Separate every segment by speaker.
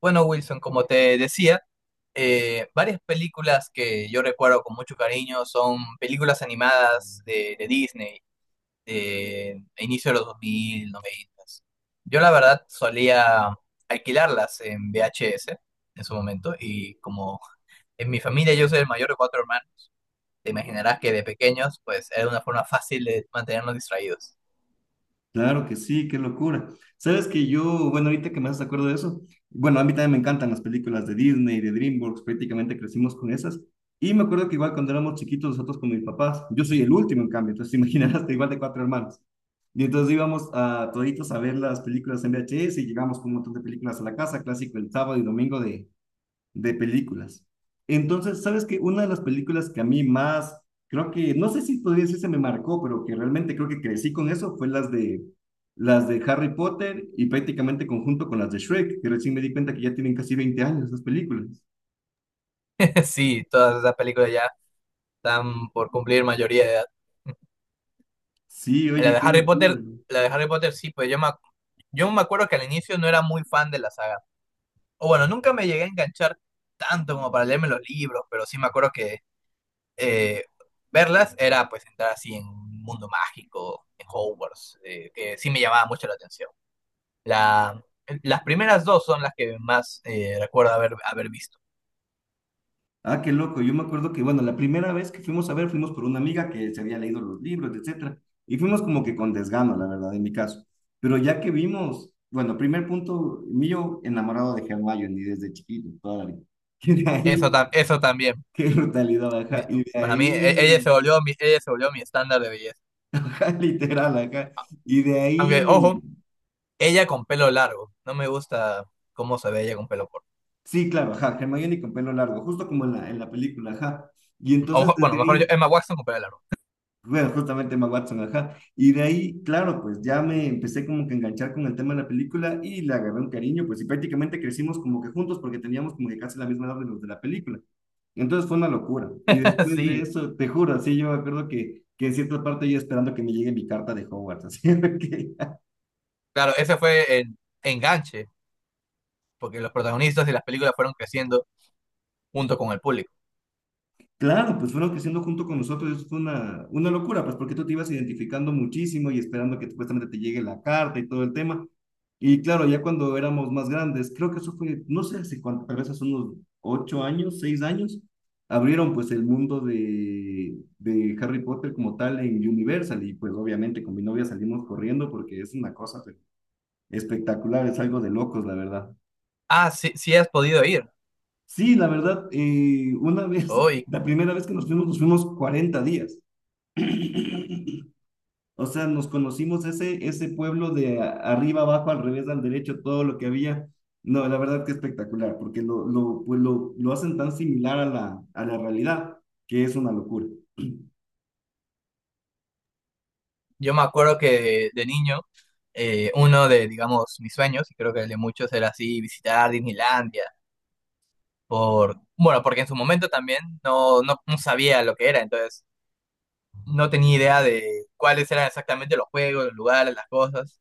Speaker 1: Bueno, Wilson, como te decía, varias películas que yo recuerdo con mucho cariño son películas animadas de Disney, de inicio de los 2000-90. Yo la verdad solía alquilarlas en VHS en su momento y como en mi familia yo soy el mayor de 4 hermanos, te imaginarás que de pequeños pues era una forma fácil de mantenernos distraídos.
Speaker 2: Claro que sí, qué locura. Sabes que yo, bueno, ahorita que me haces acuerdo de eso, bueno, a mí también me encantan las películas de Disney, de DreamWorks, prácticamente crecimos con esas. Y me acuerdo que igual cuando éramos chiquitos nosotros con mis papás, yo soy el último en cambio, entonces te imaginarás, te igual de cuatro hermanos. Y entonces íbamos a toditos a ver las películas en VHS y llegamos con un montón de películas a la casa, clásico el sábado y domingo de, películas. Entonces, ¿sabes qué? Una de las películas que a mí más, creo que, no sé si podría decir se me marcó, pero que realmente creo que crecí con eso, fue las de Harry Potter y prácticamente conjunto con las de Shrek, que recién me di cuenta que ya tienen casi 20 años las películas.
Speaker 1: Sí, todas esas películas ya están por cumplir mayoría de edad.
Speaker 2: Sí,
Speaker 1: La
Speaker 2: oye,
Speaker 1: de
Speaker 2: qué
Speaker 1: Harry Potter,
Speaker 2: locura, ¿no?
Speaker 1: la de Harry Potter sí, pues yo me acuerdo que al inicio no era muy fan de la saga. O bueno, nunca me llegué a enganchar tanto como para leerme los libros, pero sí me acuerdo que eh, verlas era pues entrar así en un mundo mágico, en Hogwarts, que sí me llamaba mucho la atención. La, las primeras dos son las que más recuerdo haber visto.
Speaker 2: Ah, qué loco. Yo me acuerdo que, bueno, la primera vez que fuimos a ver, fuimos por una amiga que se había leído los libros, etcétera. Y fuimos como que con desgano, la verdad, en mi caso. Pero ya que vimos, bueno, primer punto mío, enamorado de Hermione y desde chiquito, toda la vida. Que de
Speaker 1: Eso,
Speaker 2: ahí,
Speaker 1: eso también.
Speaker 2: qué brutalidad, ajá.
Speaker 1: Di-
Speaker 2: Y de
Speaker 1: para mí,
Speaker 2: ahí,
Speaker 1: ella se volvió mi estándar de belleza.
Speaker 2: ajá, literal, ajá. Y de
Speaker 1: Aunque,
Speaker 2: ahí,
Speaker 1: ojo, ella con pelo largo. No me gusta cómo se ve ella con pelo corto.
Speaker 2: sí, claro, ajá, Hermione con pelo largo, justo como en la película, ajá. Y entonces
Speaker 1: O, bueno,
Speaker 2: desde
Speaker 1: mejor yo,
Speaker 2: ahí,
Speaker 1: Emma Watson con pelo largo.
Speaker 2: bueno, justamente Emma Watson, ajá. Y de ahí, claro, pues ya me empecé como que a enganchar con el tema de la película y le agarré un cariño, pues y prácticamente crecimos como que juntos porque teníamos como que casi la misma edad de los de la película. Entonces fue una locura. Y después de
Speaker 1: Sí,
Speaker 2: eso, te juro, así yo me acuerdo que en cierta parte yo esperando que me llegue mi carta de Hogwarts, así que.
Speaker 1: claro, ese fue el enganche, porque los protagonistas de las películas fueron creciendo junto con el público.
Speaker 2: Claro, pues fueron creciendo junto con nosotros, y eso fue una locura, pues porque tú te ibas identificando muchísimo y esperando que supuestamente te llegue la carta y todo el tema. Y claro, ya cuando éramos más grandes, creo que eso fue, no sé hace cuánto, tal vez hace unos 8 años, 6 años, abrieron pues el mundo de, Harry Potter como tal en Universal y pues obviamente con mi novia salimos corriendo porque es una cosa pues, espectacular, es algo de locos, la verdad.
Speaker 1: Ah, sí, sí has podido ir.
Speaker 2: Sí, la verdad, una vez,
Speaker 1: Hoy,
Speaker 2: la primera vez que nos fuimos 40 días. O sea, nos conocimos ese, pueblo de arriba, abajo, al revés, al derecho, todo lo que había. No, la verdad que espectacular, porque pues lo hacen tan similar a la realidad que es una locura.
Speaker 1: yo me acuerdo que de niño, uno de, digamos, mis sueños, y creo que el de muchos era así, visitar Disneylandia, por, bueno, porque en su momento también no sabía lo que era, entonces no tenía idea de cuáles eran exactamente los juegos, los lugares, las cosas.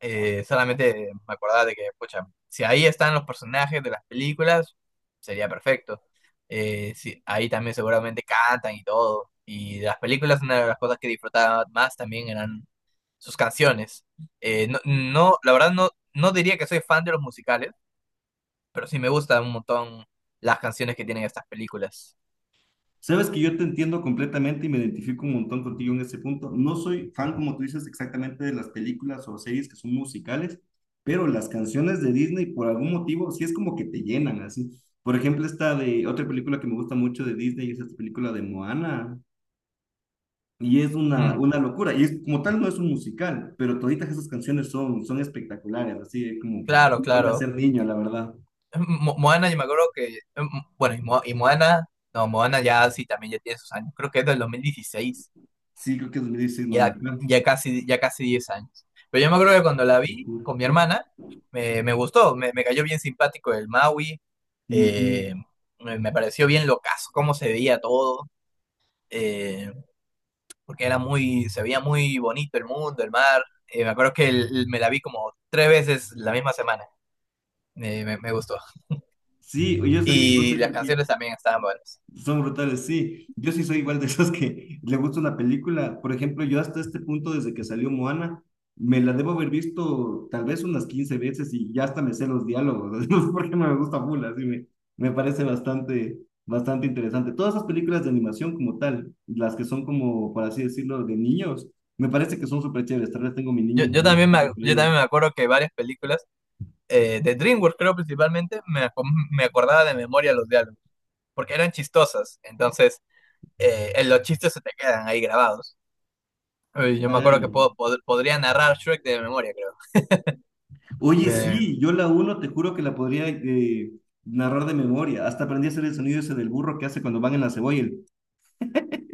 Speaker 1: Solamente me acordaba de que, pucha, si ahí están los personajes de las películas, sería perfecto. Sí, ahí también seguramente cantan y todo. Y de las películas, una de las cosas que disfrutaba más también eran sus canciones. No, no, la verdad no, no diría que soy fan de los musicales, pero sí me gustan un montón las canciones que tienen estas películas.
Speaker 2: Sabes que yo te entiendo completamente y me identifico un montón contigo en ese punto. No soy fan, como tú dices, exactamente de las películas o series que son musicales, pero las canciones de Disney, por algún motivo, sí es como que te llenan así. Por ejemplo, esta de otra película que me gusta mucho de Disney es esta película de Moana. Y es una,
Speaker 1: Mm,
Speaker 2: una locura. Y es, como tal no es un musical, pero toditas esas canciones son espectaculares, así es como
Speaker 1: claro,
Speaker 2: uno vuelve a
Speaker 1: claro.
Speaker 2: ser niño, la verdad.
Speaker 1: Moana, yo me acuerdo que, bueno, Moana, no, Moana ya sí, también ya tiene sus años, creo que es del 2016.
Speaker 2: Sí, creo que es 2016, no, no, no,
Speaker 1: Ya casi 10 años. Pero yo me acuerdo que cuando la vi
Speaker 2: locura.
Speaker 1: con mi hermana, me gustó, me cayó bien simpático el Maui, eh,
Speaker 2: Ujú.
Speaker 1: me pareció bien locazo, cómo se veía todo, eh, porque era muy, se veía muy bonito el mundo, el mar. Me acuerdo que me la vi como 3 veces la misma semana, me gustó.
Speaker 2: Sí, yo soy, no
Speaker 1: Y
Speaker 2: sé
Speaker 1: las
Speaker 2: por qué.
Speaker 1: canciones también estaban buenas.
Speaker 2: Son brutales, sí. Yo sí soy igual de esos que le gusta una película. Por ejemplo, yo hasta este punto, desde que salió Moana, me la debo haber visto tal vez unas 15 veces y ya hasta me sé los diálogos. No sé por qué no me gusta full, así me parece bastante interesante. Todas esas películas de animación como tal, las que son como, por así decirlo, de niños, me parece que son súper chéveres. Tal vez tengo mi niño interior.
Speaker 1: Yo también
Speaker 2: Ahí.
Speaker 1: me acuerdo que varias películas, de DreamWorks creo principalmente, me acordaba de memoria los diálogos, porque eran chistosas. Entonces, los chistes se te quedan ahí grabados. Yo me acuerdo
Speaker 2: Claro.
Speaker 1: que podría narrar Shrek de memoria, creo.
Speaker 2: Oye,
Speaker 1: Me-
Speaker 2: sí, yo la uno te juro que la podría narrar de memoria. Hasta aprendí a hacer el sonido ese del burro que hace cuando van en la cebolla.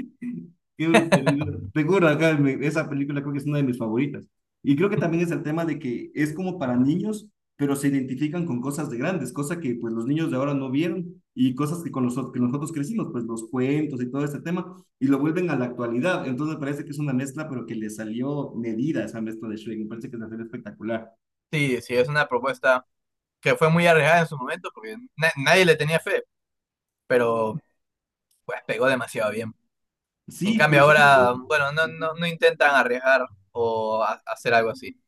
Speaker 2: Qué brutalidad. Te juro, acá esa película creo que es una de mis favoritas. Y creo que también es el tema de que es como para niños, pero se identifican con cosas de grandes, cosa que pues los niños de ahora no vieron y cosas que con nosotros, que nosotros crecimos, pues los cuentos y todo ese tema, y lo vuelven a la actualidad. Entonces me parece que es una mezcla, pero que le salió medida esa mezcla de Shrek. Me parece que es una serie espectacular.
Speaker 1: sí, sí, es una propuesta que fue muy arriesgada en su momento, porque nadie le tenía fe, pero pues pegó demasiado bien. En
Speaker 2: Sí,
Speaker 1: cambio
Speaker 2: pero sabes que...
Speaker 1: ahora, bueno,
Speaker 2: Ujú.
Speaker 1: no intentan arriesgar o hacer algo así.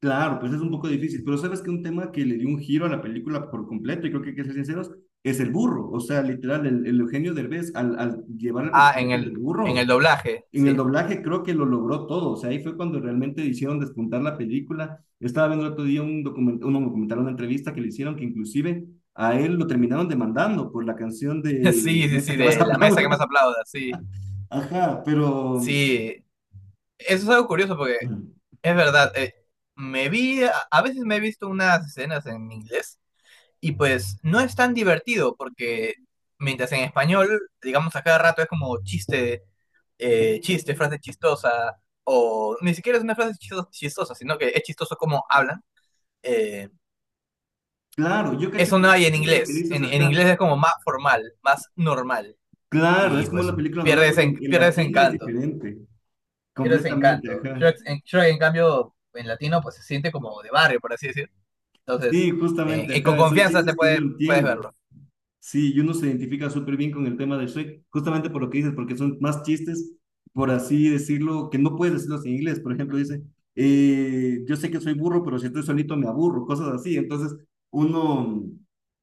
Speaker 2: Claro, pues es un poco difícil, pero sabes que un tema que le dio un giro a la película por completo, y creo que hay que ser sinceros, es el burro. O sea, literal, el Eugenio Derbez, al llevar el
Speaker 1: Ah,
Speaker 2: personaje del
Speaker 1: en el
Speaker 2: burro,
Speaker 1: doblaje,
Speaker 2: en el
Speaker 1: sí.
Speaker 2: doblaje creo que lo logró todo. O sea, ahí fue cuando realmente hicieron despuntar la película. Estaba viendo el otro día un documental, una entrevista que le hicieron, que inclusive a él lo terminaron demandando por la canción de
Speaker 1: Sí, sí,
Speaker 2: Mesa
Speaker 1: sí,
Speaker 2: que más
Speaker 1: de la mesa que más
Speaker 2: aplauda.
Speaker 1: aplauda, sí.
Speaker 2: Ajá, pero...
Speaker 1: Sí, eso es algo curioso porque es verdad. Me vi, a veces me he visto unas escenas en inglés y pues no es tan divertido porque mientras en español, digamos a cada rato es como chiste, chiste, frase chistosa o ni siquiera es una frase chistosa, sino que es chistoso como hablan. Eh,
Speaker 2: Claro, yo cacho
Speaker 1: Eso
Speaker 2: que
Speaker 1: no hay en
Speaker 2: justamente lo que
Speaker 1: inglés,
Speaker 2: dices,
Speaker 1: en
Speaker 2: ajá.
Speaker 1: inglés es como más formal, más normal
Speaker 2: Claro,
Speaker 1: y
Speaker 2: es como
Speaker 1: pues
Speaker 2: una película normal, pero en,
Speaker 1: pierdes
Speaker 2: latino es
Speaker 1: encanto,
Speaker 2: diferente,
Speaker 1: pierdes
Speaker 2: completamente,
Speaker 1: encanto.
Speaker 2: ajá.
Speaker 1: Shrek, en cambio en latino pues se siente como de barrio, por así decirlo.
Speaker 2: Sí,
Speaker 1: Entonces,
Speaker 2: justamente,
Speaker 1: y con
Speaker 2: ajá, son
Speaker 1: confianza
Speaker 2: chistes que uno
Speaker 1: puedes
Speaker 2: entiende.
Speaker 1: verlo.
Speaker 2: Sí, y uno se identifica súper bien con el tema de Shrek, justamente por lo que dices, porque son más chistes, por así decirlo, que no puedes decirlos en inglés. Por ejemplo, dice, yo sé que soy burro, pero si estoy solito me aburro, cosas así. Entonces, uno,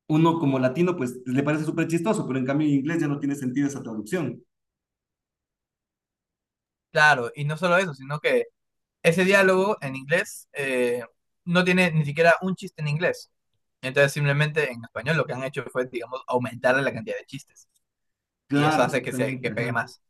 Speaker 2: uno como latino, pues le parece súper chistoso, pero en cambio en inglés ya no tiene sentido esa traducción.
Speaker 1: Claro, y no solo eso, sino que ese diálogo en inglés no tiene ni siquiera un chiste en inglés. Entonces, simplemente en español lo que han hecho fue, digamos, aumentarle la cantidad de chistes. Y eso
Speaker 2: Claro,
Speaker 1: hace que,
Speaker 2: exactamente,
Speaker 1: que pegue
Speaker 2: ajá.
Speaker 1: más.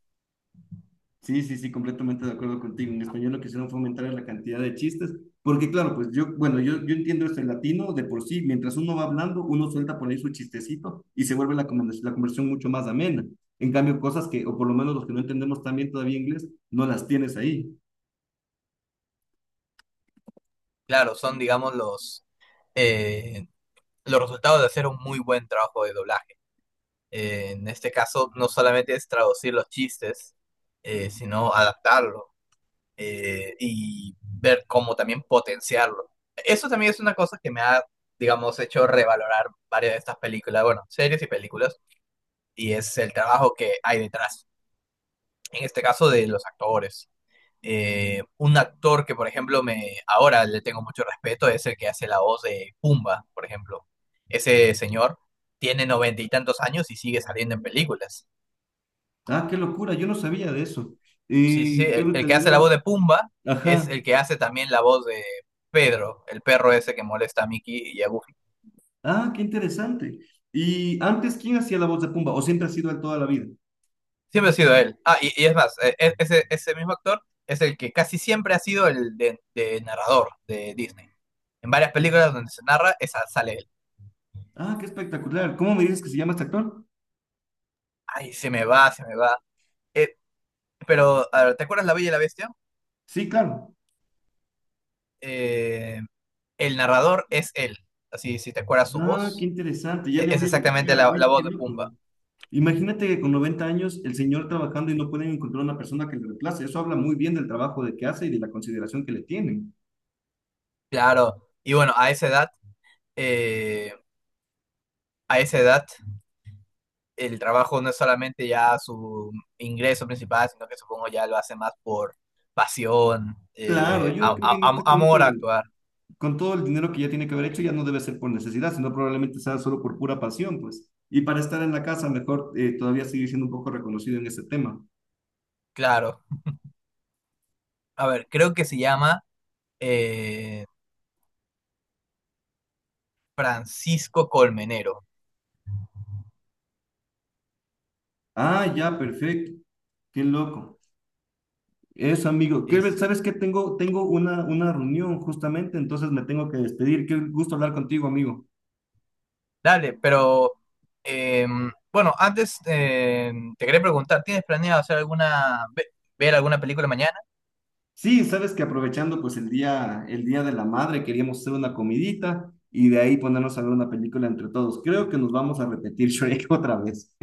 Speaker 2: Sí, sí, sí, completamente de acuerdo contigo. En español lo que hicieron fue aumentar la cantidad de chistes, porque claro, pues yo, bueno, yo entiendo esto, el latino de por sí, mientras uno va hablando, uno suelta por ahí su chistecito y se vuelve la conversión mucho más amena. En cambio, cosas que, o por lo menos los que no entendemos también todavía inglés, no las tienes ahí.
Speaker 1: Claro, son, digamos, eh, los resultados de hacer un muy buen trabajo de doblaje. En este caso, no solamente es traducir los chistes, sino adaptarlo y ver cómo también potenciarlo. Eso también es una cosa que digamos, hecho revalorar varias de estas películas, bueno, series y películas, y es el trabajo que hay detrás, en este caso de los actores. Un actor que, por ejemplo, me ahora le tengo mucho respeto es el que hace la voz de Pumba, por ejemplo. Ese señor tiene 90 y tantos años y sigue saliendo en películas.
Speaker 2: Ah, qué locura, yo no sabía de eso.
Speaker 1: Sí, sí, sí,
Speaker 2: Qué
Speaker 1: el que hace la
Speaker 2: brutalidad.
Speaker 1: voz de Pumba es
Speaker 2: Ajá.
Speaker 1: el que hace también la voz de Pedro, el perro ese que molesta a Mickey y a Goofy.
Speaker 2: Ah, qué interesante. Y antes, ¿quién hacía la voz de Pumba? ¿O siempre ha sido él toda la vida?
Speaker 1: Siempre ha sido él. Ah, y es más, ese mismo actor es el que casi siempre ha sido el de narrador de Disney. En varias películas donde se narra, esa sale él.
Speaker 2: Ah, qué espectacular. ¿Cómo me dices que se llama este actor?
Speaker 1: Ay, se me va. Eh, pero, a ver, ¿te acuerdas La Bella y la Bestia?
Speaker 2: Sí, claro.
Speaker 1: Eh, el narrador es él. Así, si te acuerdas su
Speaker 2: Ah, qué
Speaker 1: voz,
Speaker 2: interesante, ya le
Speaker 1: es
Speaker 2: voy a
Speaker 1: exactamente
Speaker 2: buscar. Oye,
Speaker 1: la
Speaker 2: qué
Speaker 1: voz de
Speaker 2: loco.
Speaker 1: Pumba.
Speaker 2: Imagínate que con 90 años el señor trabajando y no pueden encontrar una persona que le reemplace. Eso habla muy bien del trabajo de que hace y de la consideración que le tienen.
Speaker 1: Claro. Y bueno, eh, a esa edad el trabajo no es solamente ya su ingreso principal, sino que supongo ya lo hace más por pasión,
Speaker 2: Claro, yo creo que en este punto,
Speaker 1: amor a actuar,
Speaker 2: con todo el dinero que ya tiene que haber hecho, ya no debe ser por necesidad, sino probablemente sea solo por pura pasión, pues. Y para estar en la casa, mejor todavía seguir siendo un poco reconocido en ese tema.
Speaker 1: claro. A ver, creo que se llama eh, Francisco Colmenero.
Speaker 2: Ah, ya, perfecto. Qué loco. Eso, amigo.
Speaker 1: Dice,
Speaker 2: Kelber, ¿sabes qué? Tengo una reunión justamente, entonces me tengo que despedir. Qué gusto hablar contigo, amigo.
Speaker 1: dale, pero bueno, antes te quería preguntar, ¿tienes planeado hacer ver alguna película mañana?
Speaker 2: Sí, sabes que aprovechando pues el día, de la madre, queríamos hacer una comidita y de ahí ponernos a ver una película entre todos. Creo que nos vamos a repetir Shrek otra vez.